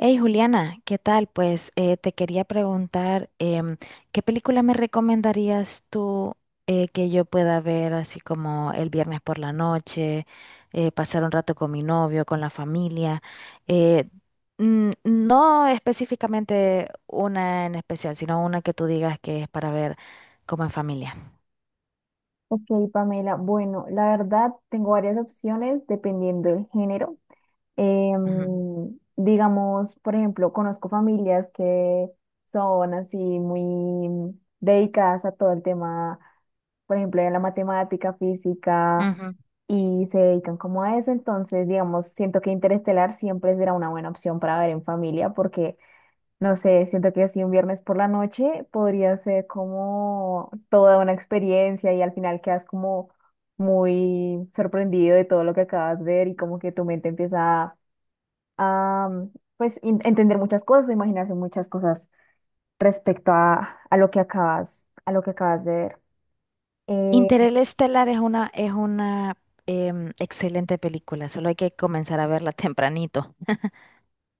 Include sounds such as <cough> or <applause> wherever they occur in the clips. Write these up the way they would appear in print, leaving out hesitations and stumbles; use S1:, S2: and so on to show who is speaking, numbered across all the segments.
S1: Hey Juliana, ¿qué tal? Pues te quería preguntar, ¿qué película me recomendarías tú que yo pueda ver así como el viernes por la noche, pasar un rato con mi novio, con la familia? Eh, no específicamente una en especial, sino una que tú digas que es para ver como en familia.
S2: Ok, Pamela. Bueno, la verdad tengo varias opciones dependiendo del género.
S1: Ujú,
S2: Digamos, por ejemplo, conozco familias que son así muy dedicadas a todo el tema, por ejemplo, de la matemática, física,
S1: ujú.
S2: y se dedican como a eso. Entonces, digamos, siento que Interestelar siempre será una buena opción para ver en familia porque no sé, siento que así un viernes por la noche podría ser como toda una experiencia y al final quedas como muy sorprendido de todo lo que acabas de ver y como que tu mente empieza a, mm, pues entender muchas cosas, imaginarse muchas cosas respecto a lo que a lo que acabas de ver. Eh,
S1: Interestelar es una, excelente película, solo hay que comenzar a verla <laughs> tempranito.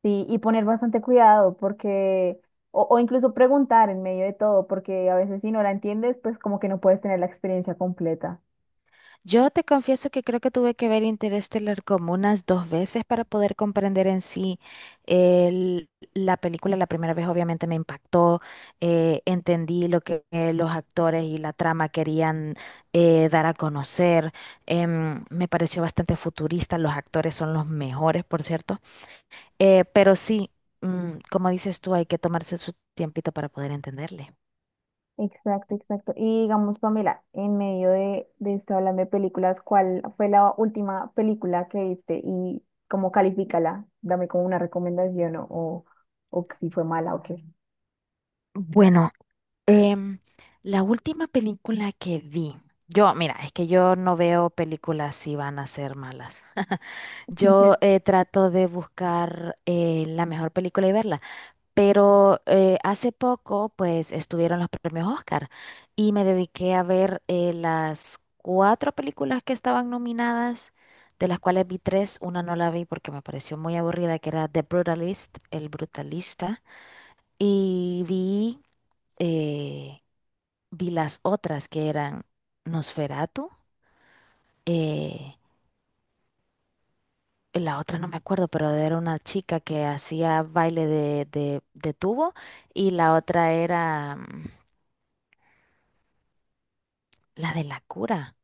S2: sí, y poner bastante cuidado porque, o incluso preguntar en medio de todo, porque a veces si no la entiendes, pues como que no puedes tener la experiencia completa.
S1: Yo te confieso que creo que tuve que ver Interestelar como unas dos veces para poder comprender en sí el- la película. La primera vez obviamente me impactó, entendí lo que los actores y la trama querían dar a conocer. Me pareció bastante futurista, los actores son los mejores, por cierto. Pero sí, como dices tú, hay que tomarse su tiempito para poder entenderle.
S2: Exacto, exacto. Y digamos, Pamela, en medio de esto hablando de películas, ¿cuál fue la última película que viste y cómo califícala? Dame como una recomendación o si fue mala o qué.
S1: Bueno, em, la última película que vi, yo, mira, es que yo no veo películas si van a ser malas. <laughs> Yo
S2: <laughs>
S1: trato de buscar la mejor película y verla. Pero hace poco, pues, estuvieron los premios Oscar y me dediqué a ver las cuatro películas que estaban nominadas, de las cuales vi tres. Una no la vi porque me pareció muy aburrida, que era The Brutalist, El Brutalista. Y vi, eh, vi las otras que eran Nosferatu. eh, la otra no me acuerdo, pero era una chica que hacía baile de, de tubo y la otra era... mm, la de la cura.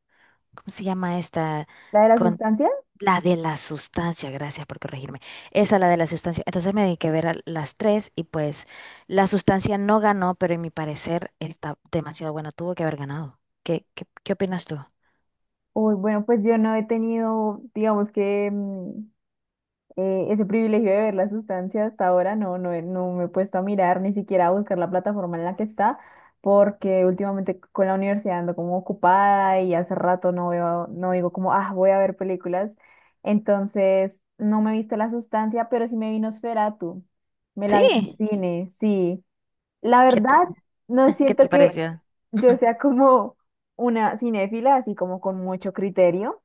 S1: ¿Cómo se llama esta?
S2: ¿La de la
S1: Con
S2: sustancia?
S1: la de la sustancia, gracias por corregirme. Esa, la de la sustancia. Entonces me dediqué a ver a las tres y pues la sustancia no ganó, pero en mi parecer está demasiado buena. Tuvo que haber ganado. ¿Qué opinas tú?
S2: Uy, bueno, pues yo no he tenido, digamos que ese privilegio de ver la sustancia hasta ahora no, no me he puesto a mirar ni siquiera a buscar la plataforma en la que está, porque últimamente con la universidad ando como ocupada y hace rato no veo, no digo como, ah, voy a ver películas. Entonces, no me he visto la sustancia, pero sí me vi Nosferatu. Me la vi en
S1: Sí.
S2: cine, sí. La
S1: ¿Qué te,
S2: verdad, no
S1: <laughs> ¿Qué
S2: siento
S1: te
S2: que
S1: pareció?
S2: yo
S1: Ujú.
S2: sea como una cinéfila, así como con mucho criterio,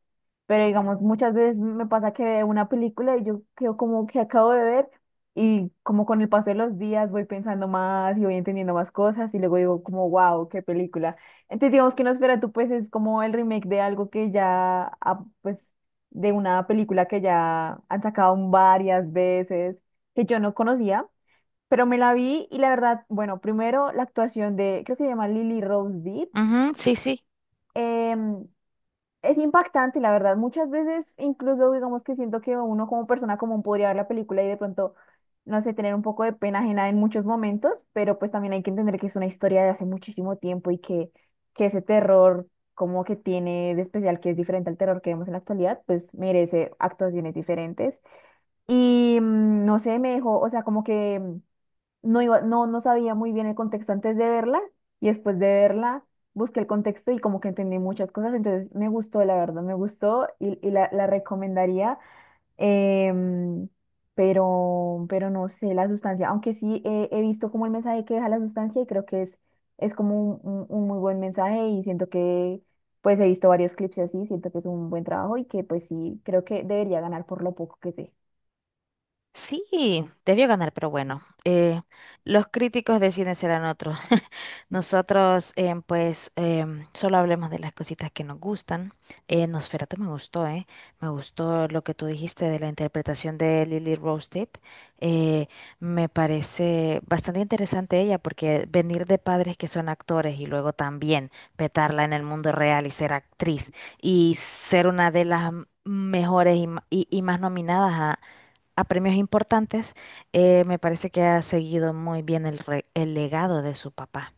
S2: pero digamos, muchas veces me pasa que veo una película y yo quedo como que acabo de ver y como con el paso de los días voy pensando más y voy entendiendo más cosas y luego digo como, wow, qué película. Entonces digamos que Nosferatu pues es como el remake de algo que ya, pues, de una película que ya han sacado varias veces, que yo no conocía pero me la vi y la verdad, bueno, primero la actuación de, creo que se llama Lily Rose Depp,
S1: Ujú, sí, sí.
S2: em, es impactante, la verdad. Muchas veces, incluso digamos que siento que uno como persona común podría ver la película y de pronto, no sé, tener un poco de pena ajena en muchos momentos, pero pues también hay que entender que es una historia de hace muchísimo tiempo que ese terror como que tiene de especial, que es diferente al terror que vemos en la actualidad, pues merece actuaciones diferentes. Y no sé, me dejó, o sea, como que no no sabía muy bien el contexto antes de verla y después de verla busqué el contexto y como que entendí muchas cosas, entonces me gustó, la verdad, me gustó y la recomendaría, em, pero no sé, la sustancia, aunque sí he visto como el mensaje que deja la sustancia y creo que es como un muy buen mensaje y siento que pues he visto varios clips así, siento que es un buen trabajo y que pues sí, creo que debería ganar por lo poco que sé.
S1: Sí, debió ganar, pero bueno, los críticos deciden serán otros. <laughs> Nosotros, pues, solo hablemos de las cositas que nos gustan. Nosferatu me gustó, ¿eh? Me gustó lo que tú dijiste de la interpretación de Lily Rose Depp. Eh, Me parece bastante interesante ella, porque venir de padres que son actores y luego también petarla en el mundo real y ser actriz y ser una de las mejores y más nominadas a premios importantes, me parece que ha seguido muy bien el legado de su papá.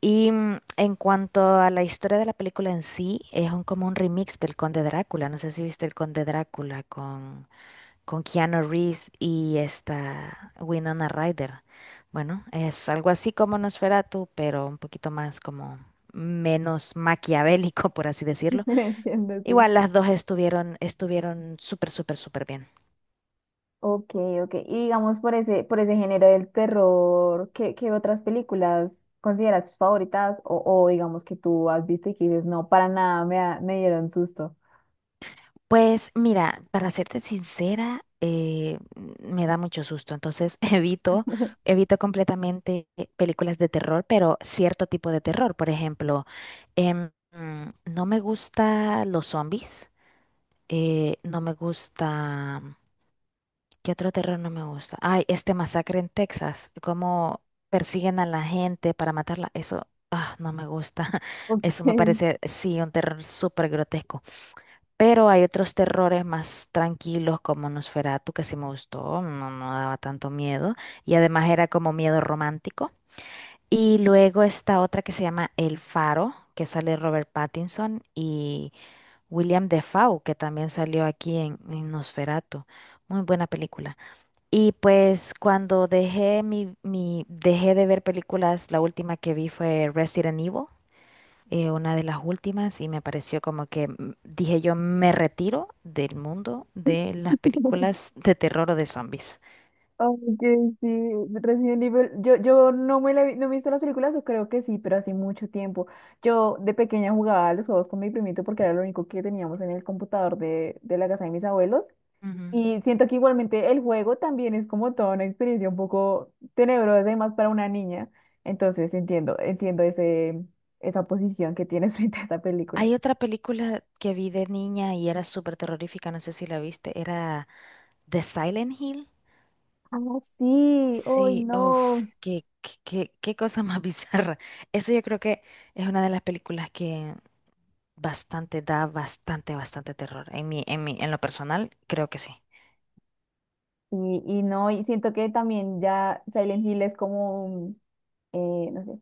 S1: Y en cuanto a la historia de la película en sí, como un remix del Conde Drácula. No sé si viste el Conde Drácula con Keanu Reeves y esta Winona Ryder. Bueno, es algo así como Nosferatu, pero un poquito más como menos maquiavélico, <laughs> por así decirlo.
S2: <laughs> Entiendo, sí.
S1: Igual las dos estuvieron, estuvieron súper, súper, súper bien.
S2: Ok, ok. Y digamos por ese género del terror, ¿qué, qué otras películas consideras tus favoritas? O digamos que tú has visto y que dices, no, para nada, me, me dieron susto.
S1: Pues mira, para serte sincera, me da mucho susto, entonces <laughs> evito,
S2: <laughs>
S1: evito completamente películas de terror, pero cierto tipo de terror. Por ejemplo, no me gusta los zombies, no me gusta, ¿qué otro terror no me gusta? Ay, este masacre en Texas, cómo persiguen a la gente para matarla, eso ah, no me gusta, <laughs>
S2: Ok,
S1: eso me parece, sí, un terror súper grotesco. Pero hay otros terrores más tranquilos como Nosferatu, que sí me gustó, no, no daba tanto miedo. Y además era como miedo romántico. Y luego está otra que se llama El Faro, que sale Robert Pattinson y William Defoe, que también salió aquí en Nosferatu. Muy buena película. Y pues cuando dejé dejé de ver películas, la última que vi fue Resident Evil una de las últimas y me pareció como que dije yo me retiro del mundo de las películas de terror o de zombies.
S2: ok, sí, Resident Evil, yo no me la no me he visto las películas, o creo que sí, pero hace mucho tiempo. Yo de pequeña jugaba a los juegos con mi primito porque era lo único que teníamos en el computador de la casa de mis abuelos.
S1: Ujú.
S2: Y siento que igualmente el juego también es como toda una experiencia un poco tenebrosa, además para una niña. Entonces entiendo, entiendo ese, esa posición que tienes <laughs> frente a esa película.
S1: Hay otra película que vi de niña y era súper terrorífica, no sé si la viste, era The Silent Hill.
S2: Ah, sí, hoy
S1: Sí,
S2: no.
S1: uff, qué cosa más <laughs> bizarra. Eso yo creo que es una de las películas que bastante, da bastante, bastante
S2: Y siento que también ya Silent Hill es como, no sé,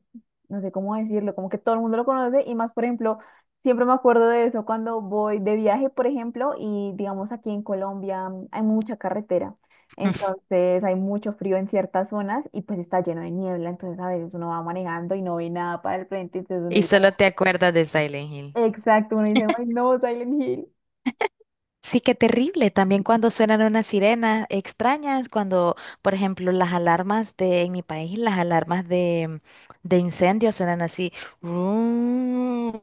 S2: no sé cómo decirlo, como que todo el mundo lo conoce y más, por ejemplo, siempre me acuerdo de eso cuando voy de viaje, por ejemplo, y digamos aquí en Colombia hay mucha carretera, entonces hay mucho frío en ciertas zonas y pues está lleno de niebla, entonces a veces uno va manejando y no ve nada para el frente, entonces uno dice como,
S1: <laughs>
S2: exacto, uno dice, ay no, Silent Hill,
S1: Sí, qué terrible. También cuando suenan unas sirenas extrañas, cuando, por ejemplo, las alarmas de, en mi país, las alarmas de incendio suenan así. Rum.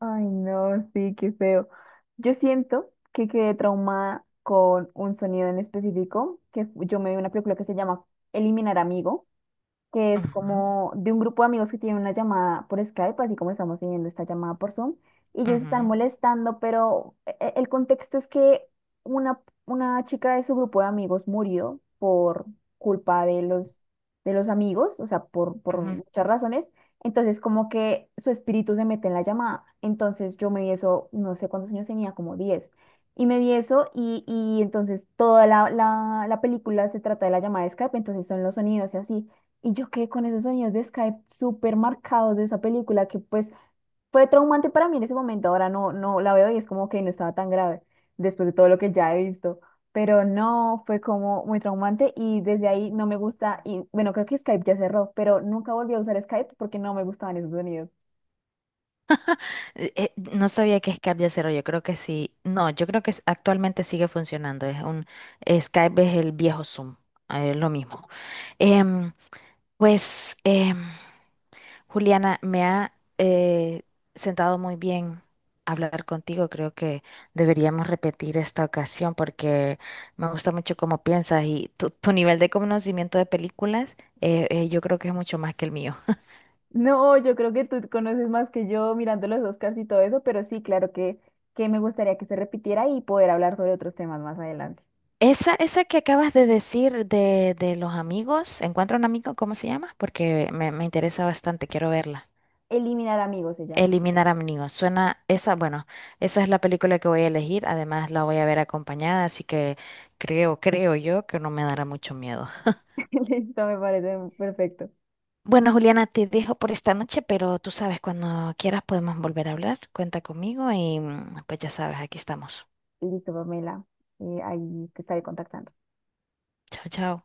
S2: ay no, sí, qué feo. Yo siento que quedé traumada con un sonido en específico, que yo me vi una película que se llama Eliminar Amigo, que es
S1: Ujú,
S2: como de un grupo de amigos que tienen una llamada por Skype, así como estamos teniendo esta llamada por Zoom, y ellos están
S1: ujú,
S2: molestando, pero el contexto es que una, una chica de su grupo de amigos murió por culpa de los amigos, o sea, por
S1: ujú.
S2: muchas razones. Entonces, como que su espíritu se mete en la llamada. Entonces, yo me vi eso, no sé cuántos años tenía, como 10. Y me vi eso y entonces toda la película se trata de la llamada de Skype, entonces son los sonidos y así. Y yo quedé con esos sonidos de Skype súper marcados de esa película que pues fue traumante para mí en ese momento. Ahora no, no la veo y es como que no estaba tan grave después de todo lo que ya he visto. Pero no, fue como muy traumante y desde ahí no me gusta. Y bueno, creo que Skype ya cerró, pero nunca volví a usar Skype porque no me gustaban esos sonidos.
S1: No sabía que Skype ya cerró, yo creo que sí. No, yo creo que actualmente sigue funcionando. Es un Skype es el viejo Zoom, lo mismo. Em, pues, Juliana, me ha sentado muy bien hablar contigo. Creo que deberíamos repetir esta ocasión porque me gusta mucho cómo piensas y tu nivel de conocimiento de películas, yo creo que es mucho más que el mío.
S2: No, yo creo que tú conoces más que yo mirando los Oscars y todo eso, pero sí, claro que me gustaría que se repitiera y poder hablar sobre otros temas más adelante.
S1: Esa que acabas de decir de los amigos, ¿Encuentra un amigo? ¿Cómo se llama? Porque me interesa bastante, quiero verla.
S2: Eliminar amigos se llama.
S1: Eliminar a mi niño. Suena esa, bueno, esa es la película que voy a elegir. Además, la voy a ver acompañada, así que creo yo que no me dará mucho miedo.
S2: <laughs> Listo, me parece perfecto.
S1: Bueno, Juliana, te dejo por esta noche, pero tú sabes, cuando quieras podemos volver a hablar. Cuenta conmigo y pues ya sabes, aquí estamos.
S2: Listo, Pamela. Ahí te estaré contactando.
S1: Chao, chao.